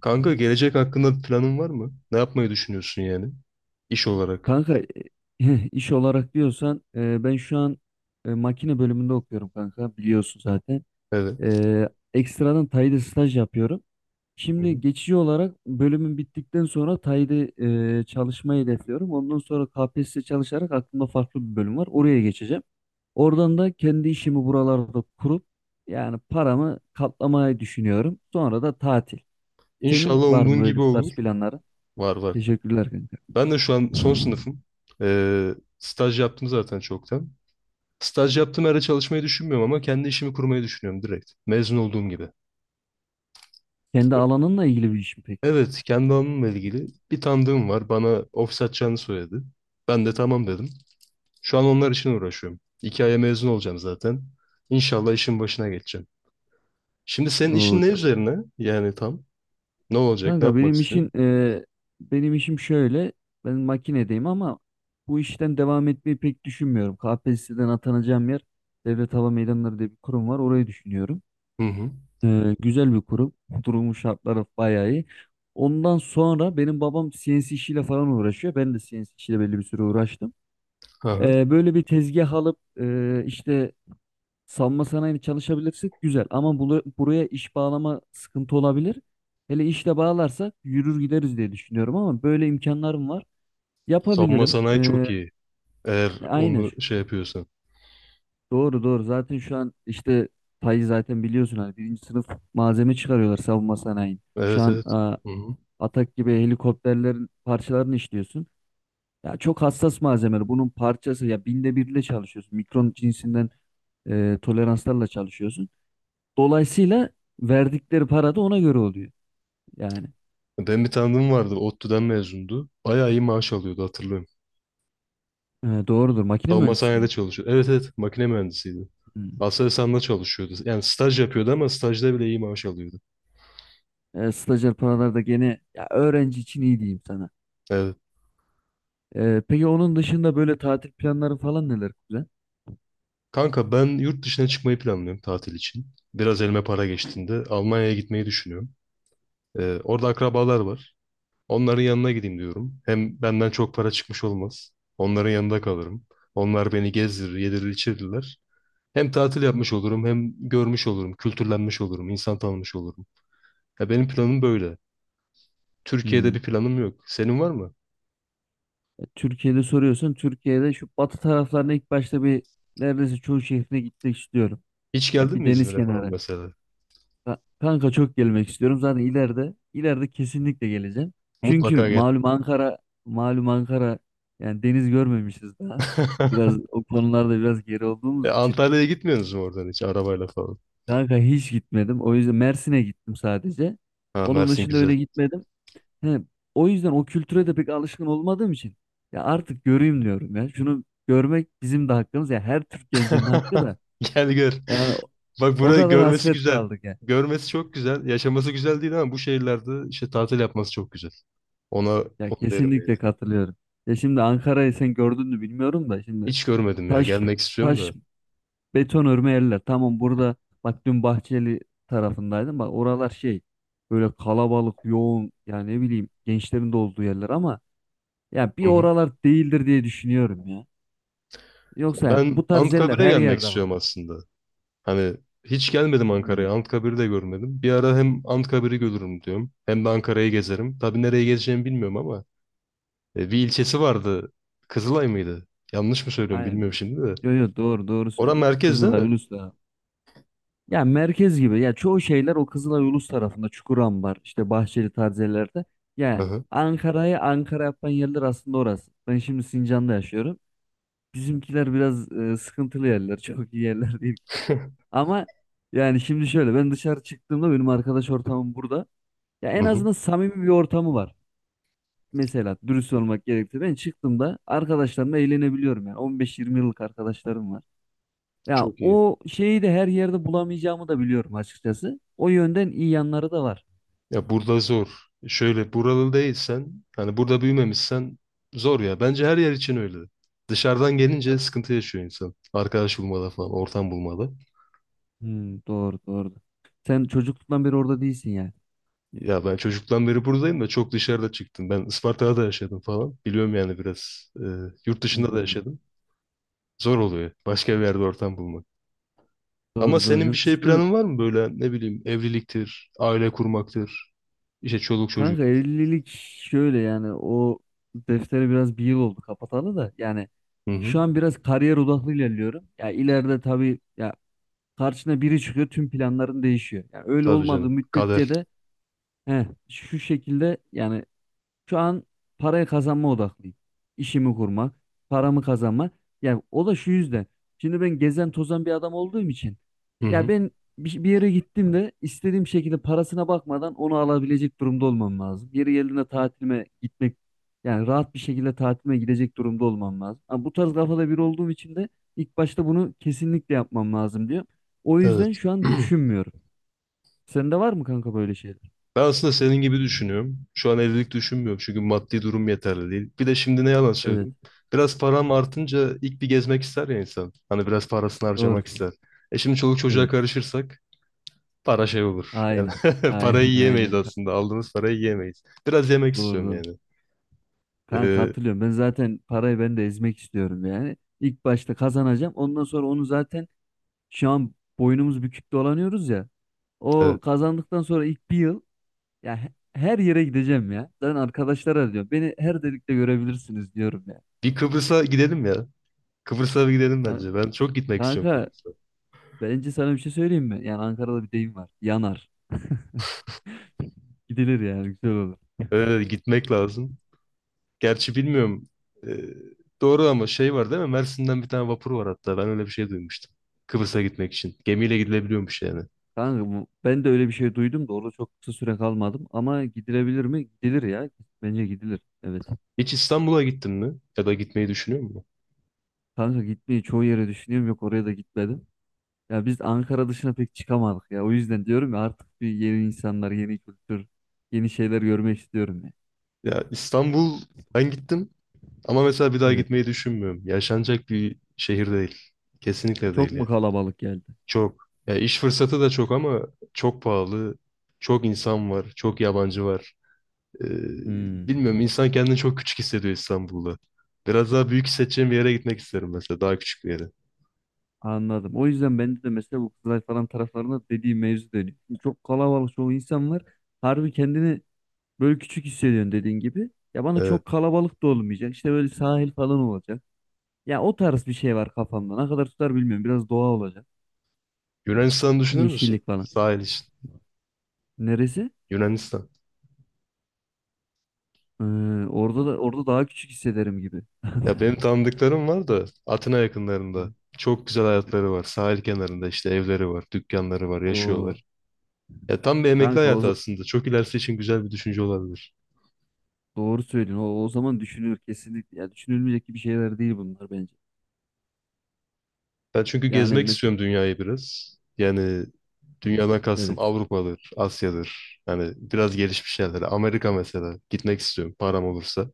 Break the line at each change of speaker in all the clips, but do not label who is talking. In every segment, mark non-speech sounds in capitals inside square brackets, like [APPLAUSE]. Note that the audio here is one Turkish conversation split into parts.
Kanka gelecek hakkında planın var mı? Ne yapmayı düşünüyorsun yani? İş olarak.
Kanka [LAUGHS] iş olarak diyorsan ben şu an makine bölümünde okuyorum kanka, biliyorsun zaten.
Evet.
Ekstradan Tay'da staj yapıyorum.
Hı hı.
Şimdi geçici olarak bölümün bittikten sonra Tay'da çalışmayı hedefliyorum. Ondan sonra KPSS çalışarak aklımda farklı bir bölüm var. Oraya geçeceğim. Oradan da kendi işimi buralarda kurup yani paramı katlamayı düşünüyorum. Sonra da tatil. Senin
İnşallah
var mı
umduğun
böyle
gibi
bu
olur.
tarz planları?
Var var.
Teşekkürler kanka.
Ben de şu an son sınıfım. Staj yaptım zaten çoktan. Staj yaptığım yerde çalışmayı düşünmüyorum ama kendi işimi kurmayı düşünüyorum direkt. Mezun olduğum gibi.
Kendi alanınla ilgili bir iş mi peki?
Evet, kendi alanımla ilgili bir tanıdığım var. Bana ofis açacağını söyledi. Ben de tamam dedim. Şu an onlar için uğraşıyorum. İki aya mezun olacağım zaten. İnşallah işin başına geçeceğim. Şimdi senin işin
Oo,
ne
çok.
üzerine? Yani tam. Ne olacak? Ne
Kanka
yapmak
benim işin
istiyorsun?
benim işim şöyle. Ben makinedeyim ama bu işten devam etmeyi pek düşünmüyorum. KPSS'den atanacağım yer, Devlet Hava Meydanları diye bir kurum var. Orayı düşünüyorum.
Hı hı.
E, güzel bir kurum. [LAUGHS] Durumun şartları bayağı iyi. Ondan sonra benim babam CNC işiyle falan uğraşıyor. Ben de CNC işiyle belli bir süre uğraştım.
Aha.
E, böyle bir tezgah alıp işte savunma sanayini çalışabilirsek güzel, ama buraya iş bağlama sıkıntı olabilir. Hele işle bağlarsak yürür gideriz diye düşünüyorum, ama böyle imkanlarım var.
Savunma
Yapabilirim.
sanayi çok iyi. Eğer
Aynen.
onu şey yapıyorsan.
Doğru doğru. Zaten şu an işte payı zaten biliyorsun, hani birinci sınıf malzeme çıkarıyorlar savunma sanayi. Şu
Evet
an
evet. Hı hı.
Atak gibi helikopterlerin parçalarını işliyorsun. Ya çok hassas malzemeler. Bunun parçası ya binde birle çalışıyorsun. Mikron cinsinden toleranslarla çalışıyorsun. Dolayısıyla verdikleri para da ona göre oluyor. Yani
Ben bir tanıdığım vardı. ODTÜ'den mezundu. Bayağı iyi maaş alıyordu hatırlıyorum.
doğrudur. Makine
Savunma
mühendisi
sanayide
miydi?
çalışıyordu. Evet evet. Makine mühendisiydi.
Hmm.
Aselsan'da çalışıyordu. Yani staj yapıyordu ama stajda bile iyi maaş alıyordu.
E, stajyer paralar da gene ya, öğrenci için iyi diyeyim sana.
Evet.
E, peki onun dışında böyle tatil planları falan neler güzel?
Kanka ben yurt dışına çıkmayı planlıyorum tatil için. Biraz elime para geçtiğinde Almanya'ya gitmeyi düşünüyorum. Orada akrabalar var. Onların yanına gideyim diyorum. Hem benden çok para çıkmış olmaz. Onların yanında kalırım. Onlar beni gezdirir, yedirir, içirirler. Hem tatil yapmış olurum, hem görmüş olurum, kültürlenmiş olurum, insan tanımış olurum. Ya benim planım böyle. Türkiye'de
Hmm.
bir planım yok. Senin var mı?
E, Türkiye'de soruyorsun. Türkiye'de şu batı taraflarına ilk başta bir, neredeyse çoğu şehrine gitmek istiyorum.
Hiç
Ya
geldin
bir
mi
deniz
İzmir'e falan
kenarı.
mesela?
Kanka çok gelmek istiyorum. Zaten ileride ileride kesinlikle geleceğim. Çünkü
Mutlaka gel.
malum Ankara, malum Ankara yani deniz görmemişiz daha. Biraz o konularda biraz geri olduğumuz için.
Antalya'ya gitmiyorsunuz mu oradan hiç arabayla falan?
Kanka hiç gitmedim. O yüzden Mersin'e gittim sadece.
Ha
Onun
Mersin
dışında
güzel.
öyle gitmedim. He, o yüzden o kültüre de pek alışkın olmadığım için ya artık göreyim diyorum ya. Şunu görmek bizim de hakkımız ya, her Türk gencinin hakkı da.
[LAUGHS] Gel gör.
Yani
Bak
o
burayı
kadar
görmesi
hasret
güzel.
kaldık ya.
Görmesi çok güzel. Yaşaması güzel değil ama bu şehirlerde işte tatil yapması çok güzel. Ona
Ya
onu derim yani.
kesinlikle katılıyorum. Ya şimdi Ankara'yı sen gördün mü bilmiyorum da, şimdi
Hiç görmedim ya.
taş
Gelmek istiyorum
taş
da.
beton örme yerler. Tamam burada, bak dün Bahçeli tarafındaydım. Bak oralar şey, böyle kalabalık, yoğun, yani ne bileyim gençlerin de olduğu yerler ama ya bir
Hı hı.
oralar değildir diye düşünüyorum ya. Yoksa
Ben
bu tarz yerler
Anıtkabir'e
her
gelmek
yerde var.
istiyorum aslında. Hani hiç gelmedim
Hmm,
Ankara'ya. Anıtkabir'i de görmedim. Bir ara hem Anıtkabir'i görürüm diyorum. Hem de Ankara'yı gezerim. Tabii nereye gezeceğimi bilmiyorum ama bir ilçesi vardı. Kızılay mıydı? Yanlış mı söylüyorum
aynen.
bilmiyorum şimdi de.
Yo yo, doğru doğru
Orası
söylüyorsun.
merkez değil
Kızılay,
mi?
Ulus'ta. Ya merkez gibi. Ya çoğu şeyler o Kızılay, Ulus tarafında. Çukurambar, işte Bahçeli tarzı yerlerde.
Hı
Ya
hı.
Ankara'yı Ankara yapan yerler aslında orası. Ben şimdi Sincan'da yaşıyorum. Bizimkiler biraz sıkıntılı yerler. [LAUGHS] Çok iyi yerler değil, kanka.
[LAUGHS]
Ama yani şimdi şöyle, ben dışarı çıktığımda benim arkadaş ortamım burada. Ya
Hı
en
hı.
azından samimi bir ortamı var. Mesela dürüst olmak gerekti. Ben çıktığımda arkadaşlarımla eğlenebiliyorum yani. 15-20 yıllık arkadaşlarım var. Ya
Çok iyi.
o şeyi de her yerde bulamayacağımı da biliyorum açıkçası. O yönden iyi yanları da var.
Ya burada zor. Şöyle buralı değilsen, hani burada büyümemişsen zor ya. Bence her yer için öyle. Dışarıdan gelince sıkıntı yaşıyor insan. Arkadaş bulmada falan, ortam bulmada.
Hmm, doğru doğru. Sen çocukluktan beri orada değilsin yani.
Ya ben çocuktan beri buradayım da çok dışarıda çıktım. Ben Isparta'da da yaşadım falan. Biliyorum yani biraz. Yurt dışında da
Hmm,
yaşadım. Zor oluyor. Başka bir yerde ortam bulmak. Ama
doğru doğru.
senin bir
Yurt
şey
dışında
planın var mı böyle ne bileyim evliliktir, aile kurmaktır, işte çoluk
kanka
çocuk.
evlilik şöyle, yani o defteri biraz bir yıl oldu kapatalı da yani
Hı hı.
şu an biraz kariyer odaklı ilerliyorum. Ya ileride tabii ya, karşına biri çıkıyor tüm planların değişiyor. Yani öyle
Tabii
olmadığı
canım.
müddetçe
Kader.
de heh, şu şekilde yani. Şu an parayı kazanma odaklıyım. İşimi kurmak, paramı kazanmak. Yani o da şu yüzden. Şimdi ben gezen tozan bir adam olduğum için.
Hı
Ya
hı.
ben bir yere gittim de istediğim şekilde parasına bakmadan onu alabilecek durumda olmam lazım. Yeri geldiğinde tatilime gitmek, yani rahat bir şekilde tatilime gidecek durumda olmam lazım. Ama bu tarz kafada biri olduğum için de ilk başta bunu kesinlikle yapmam lazım diyor. O
Evet.
yüzden şu an
[CLEARS THROAT]
düşünmüyorum. Sende var mı kanka böyle şeyler?
Ben aslında senin gibi düşünüyorum. Şu an evlilik düşünmüyorum çünkü maddi durum yeterli değil. Bir de şimdi ne yalan
Evet.
söyleyeyim. Biraz param artınca ilk bir gezmek ister ya insan. Hani biraz parasını
Doğru.
harcamak ister. E şimdi çoluk çocuğa
Evet.
karışırsak para şey olur. Yani
Aynen.
[LAUGHS] parayı
Aynen [LAUGHS]
yiyemeyiz
aynen. Ka-
aslında. Aldığımız parayı yiyemeyiz. Biraz yemek
Doğru
istiyorum
doğru.
yani.
Kanka
Ee,
katılıyorum. Ben zaten parayı, ben de ezmek istiyorum yani. İlk başta kazanacağım. Ondan sonra onu zaten şu an boynumuz bükük dolanıyoruz ya. O
evet.
kazandıktan sonra ilk bir yıl ya her yere gideceğim ya. Ben arkadaşlara diyorum. Beni her delikte görebilirsiniz diyorum ya.
Bir Kıbrıs'a gidelim ya. Kıbrıs'a bir gidelim
Kan-
bence. Ben çok gitmek istiyorum
Kanka
Kıbrıs'a.
bence sana bir şey söyleyeyim mi? Yani Ankara'da bir deyim var. Yanar. Gidilir yani, güzel olur.
Evet, gitmek lazım. Gerçi bilmiyorum. Ee, doğru ama şey var değil mi? Mersin'den bir tane vapur var hatta. Ben öyle bir şey duymuştum. Kıbrıs'a gitmek için. Gemiyle gidilebiliyormuş yani.
Kanka ben de öyle bir şey duydum da orada çok kısa süre kalmadım, ama gidilebilir mi? Gidilir ya. Bence gidilir. Evet.
Hiç İstanbul'a gittin mi? Ya da gitmeyi düşünüyor musun?
Kanka gitmeyi çoğu yere düşünüyorum, yok oraya da gitmedim. Ya biz Ankara dışına pek çıkamadık ya. O yüzden diyorum ya, artık bir yeni insanlar, yeni kültür, yeni şeyler görmek istiyorum ya.
Ya İstanbul ben gittim ama mesela bir daha
Evet.
gitmeyi düşünmüyorum. Yaşanacak bir şehir değil. Kesinlikle değil
Çok
yani.
mu kalabalık geldi?
Çok. Ya iş fırsatı da çok ama çok pahalı. Çok insan var. Çok yabancı var. Ee,
Hmm.
bilmiyorum insan kendini çok küçük hissediyor İstanbul'da. Biraz daha büyük hissedeceğim bir yere gitmek isterim mesela. Daha küçük bir yere.
Anladım. O yüzden bende de mesela bu Kızılay falan taraflarında dediğim mevzu dönüyor. Şimdi çok kalabalık, çoğu insan var. Harbi kendini böyle küçük hissediyorsun dediğin gibi. Ya bana
Evet.
çok kalabalık da olmayacak. İşte böyle sahil falan olacak. Ya o tarz bir şey var kafamda. Ne kadar tutar bilmiyorum. Biraz doğa olacak.
Yunanistan düşünür müsün?
Yeşillik falan.
Sahil için.
Neresi?
Yunanistan.
Ee, orada daha küçük hissederim gibi.
Ya benim
[LAUGHS]
tanıdıklarım var da Atina yakınlarında. Çok güzel hayatları var. Sahil kenarında işte evleri var, dükkanları var,
O
yaşıyorlar. Ya tam bir emekli
kanka
hayatı aslında. Çok ilerisi için güzel bir düşünce olabilir.
doğru söylüyorsun. O zaman düşünülür kesinlikle. Ya düşünülmeyecek gibi şeyler değil bunlar bence.
Ben çünkü
Yani
gezmek
mesela
istiyorum dünyayı biraz. Yani dünyadan kastım
evet.
Avrupa'dır, Asya'dır. Yani biraz gelişmiş yerlere. Amerika mesela. Gitmek istiyorum param olursa.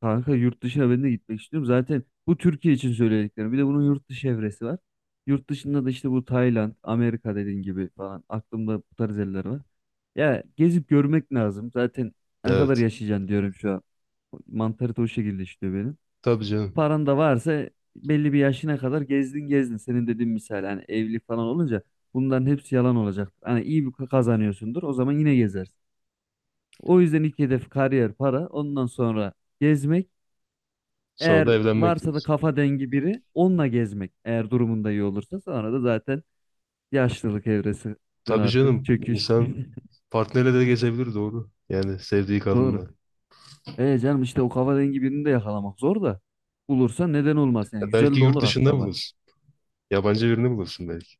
Kanka yurt dışına ben de gitmek istiyorum. Zaten bu Türkiye için söylediklerim. Bir de bunun yurt dışı evresi var. Yurt dışında da işte bu Tayland, Amerika dediğin gibi falan. Aklımda bu tarz yerler var. Ya gezip görmek lazım. Zaten ne kadar
Evet.
yaşayacaksın diyorum şu an. Mantarite o şekilde işliyor benim.
Tabii canım.
Paran da varsa belli bir yaşına kadar gezdin gezdin. Senin dediğin misal hani evlilik falan olunca bunların hepsi yalan olacak. Hani iyi bir kazanıyorsundur, o zaman yine gezersin. O yüzden ilk hedef kariyer, para, ondan sonra gezmek,
Sonra da
eğer
evlenmek
varsa da
diyoruz.
kafa dengi biri onunla gezmek, eğer durumunda iyi olursa sonra da zaten yaşlılık evresinden
Tabii
artık
canım.
çöküş.
İnsan partnerle de gezebilir doğru. Yani sevdiği
[LAUGHS] Doğru.
kadınla.
E canım, işte o kafa dengi birini de yakalamak zor da, bulursa neden olmaz, yani
Ya
güzel
belki
de
yurt
olur
dışında
hatta bak.
bulursun. Yabancı birini bulursun belki.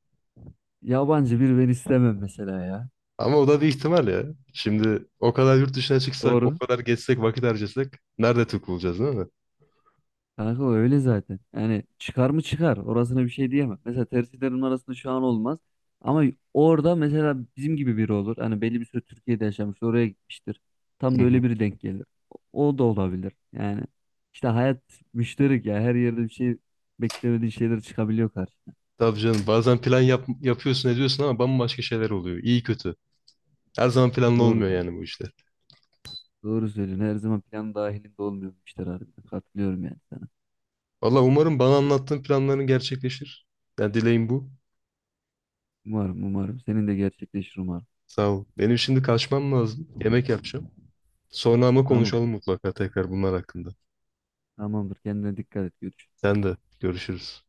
Yabancı bir ben istemem mesela ya.
Ama o da bir ihtimal ya. Şimdi o kadar yurt dışına çıksak, o
Doğru.
kadar gezsek, vakit harcasak nerede Türk bulacağız değil mi?
Kanka o öyle zaten. Yani çıkar mı çıkar. Orasına bir şey diyemem. Mesela tercihlerin arasında şu an olmaz. Ama orada mesela bizim gibi biri olur. Hani belli bir süre Türkiye'de yaşamış, oraya gitmiştir. Tam
Hı
da öyle
hı.
biri denk gelir. O da olabilir. Yani işte hayat müşterik ya. Her yerde bir şey, beklemediğin şeyler çıkabiliyor karşına.
Tabii canım bazen plan yapıyorsun ediyorsun ama bambaşka şeyler oluyor. İyi kötü. Her zaman planlı
Doğru
olmuyor
doğru.
yani bu işler.
Doğru söylüyorsun. Her zaman plan dahilinde olmuyor bu işler harbiden. Katılıyorum yani sana.
Valla umarım bana anlattığın planların gerçekleşir. Yani dileğim bu.
Umarım umarım. Senin de gerçekleşir umarım.
Sağ ol. Benim şimdi kaçmam lazım. Yemek yapacağım. Sonra ama
Tamam.
konuşalım mutlaka tekrar bunlar hakkında.
Tamamdır. Kendine dikkat et. Görüşürüz.
Sen de görüşürüz.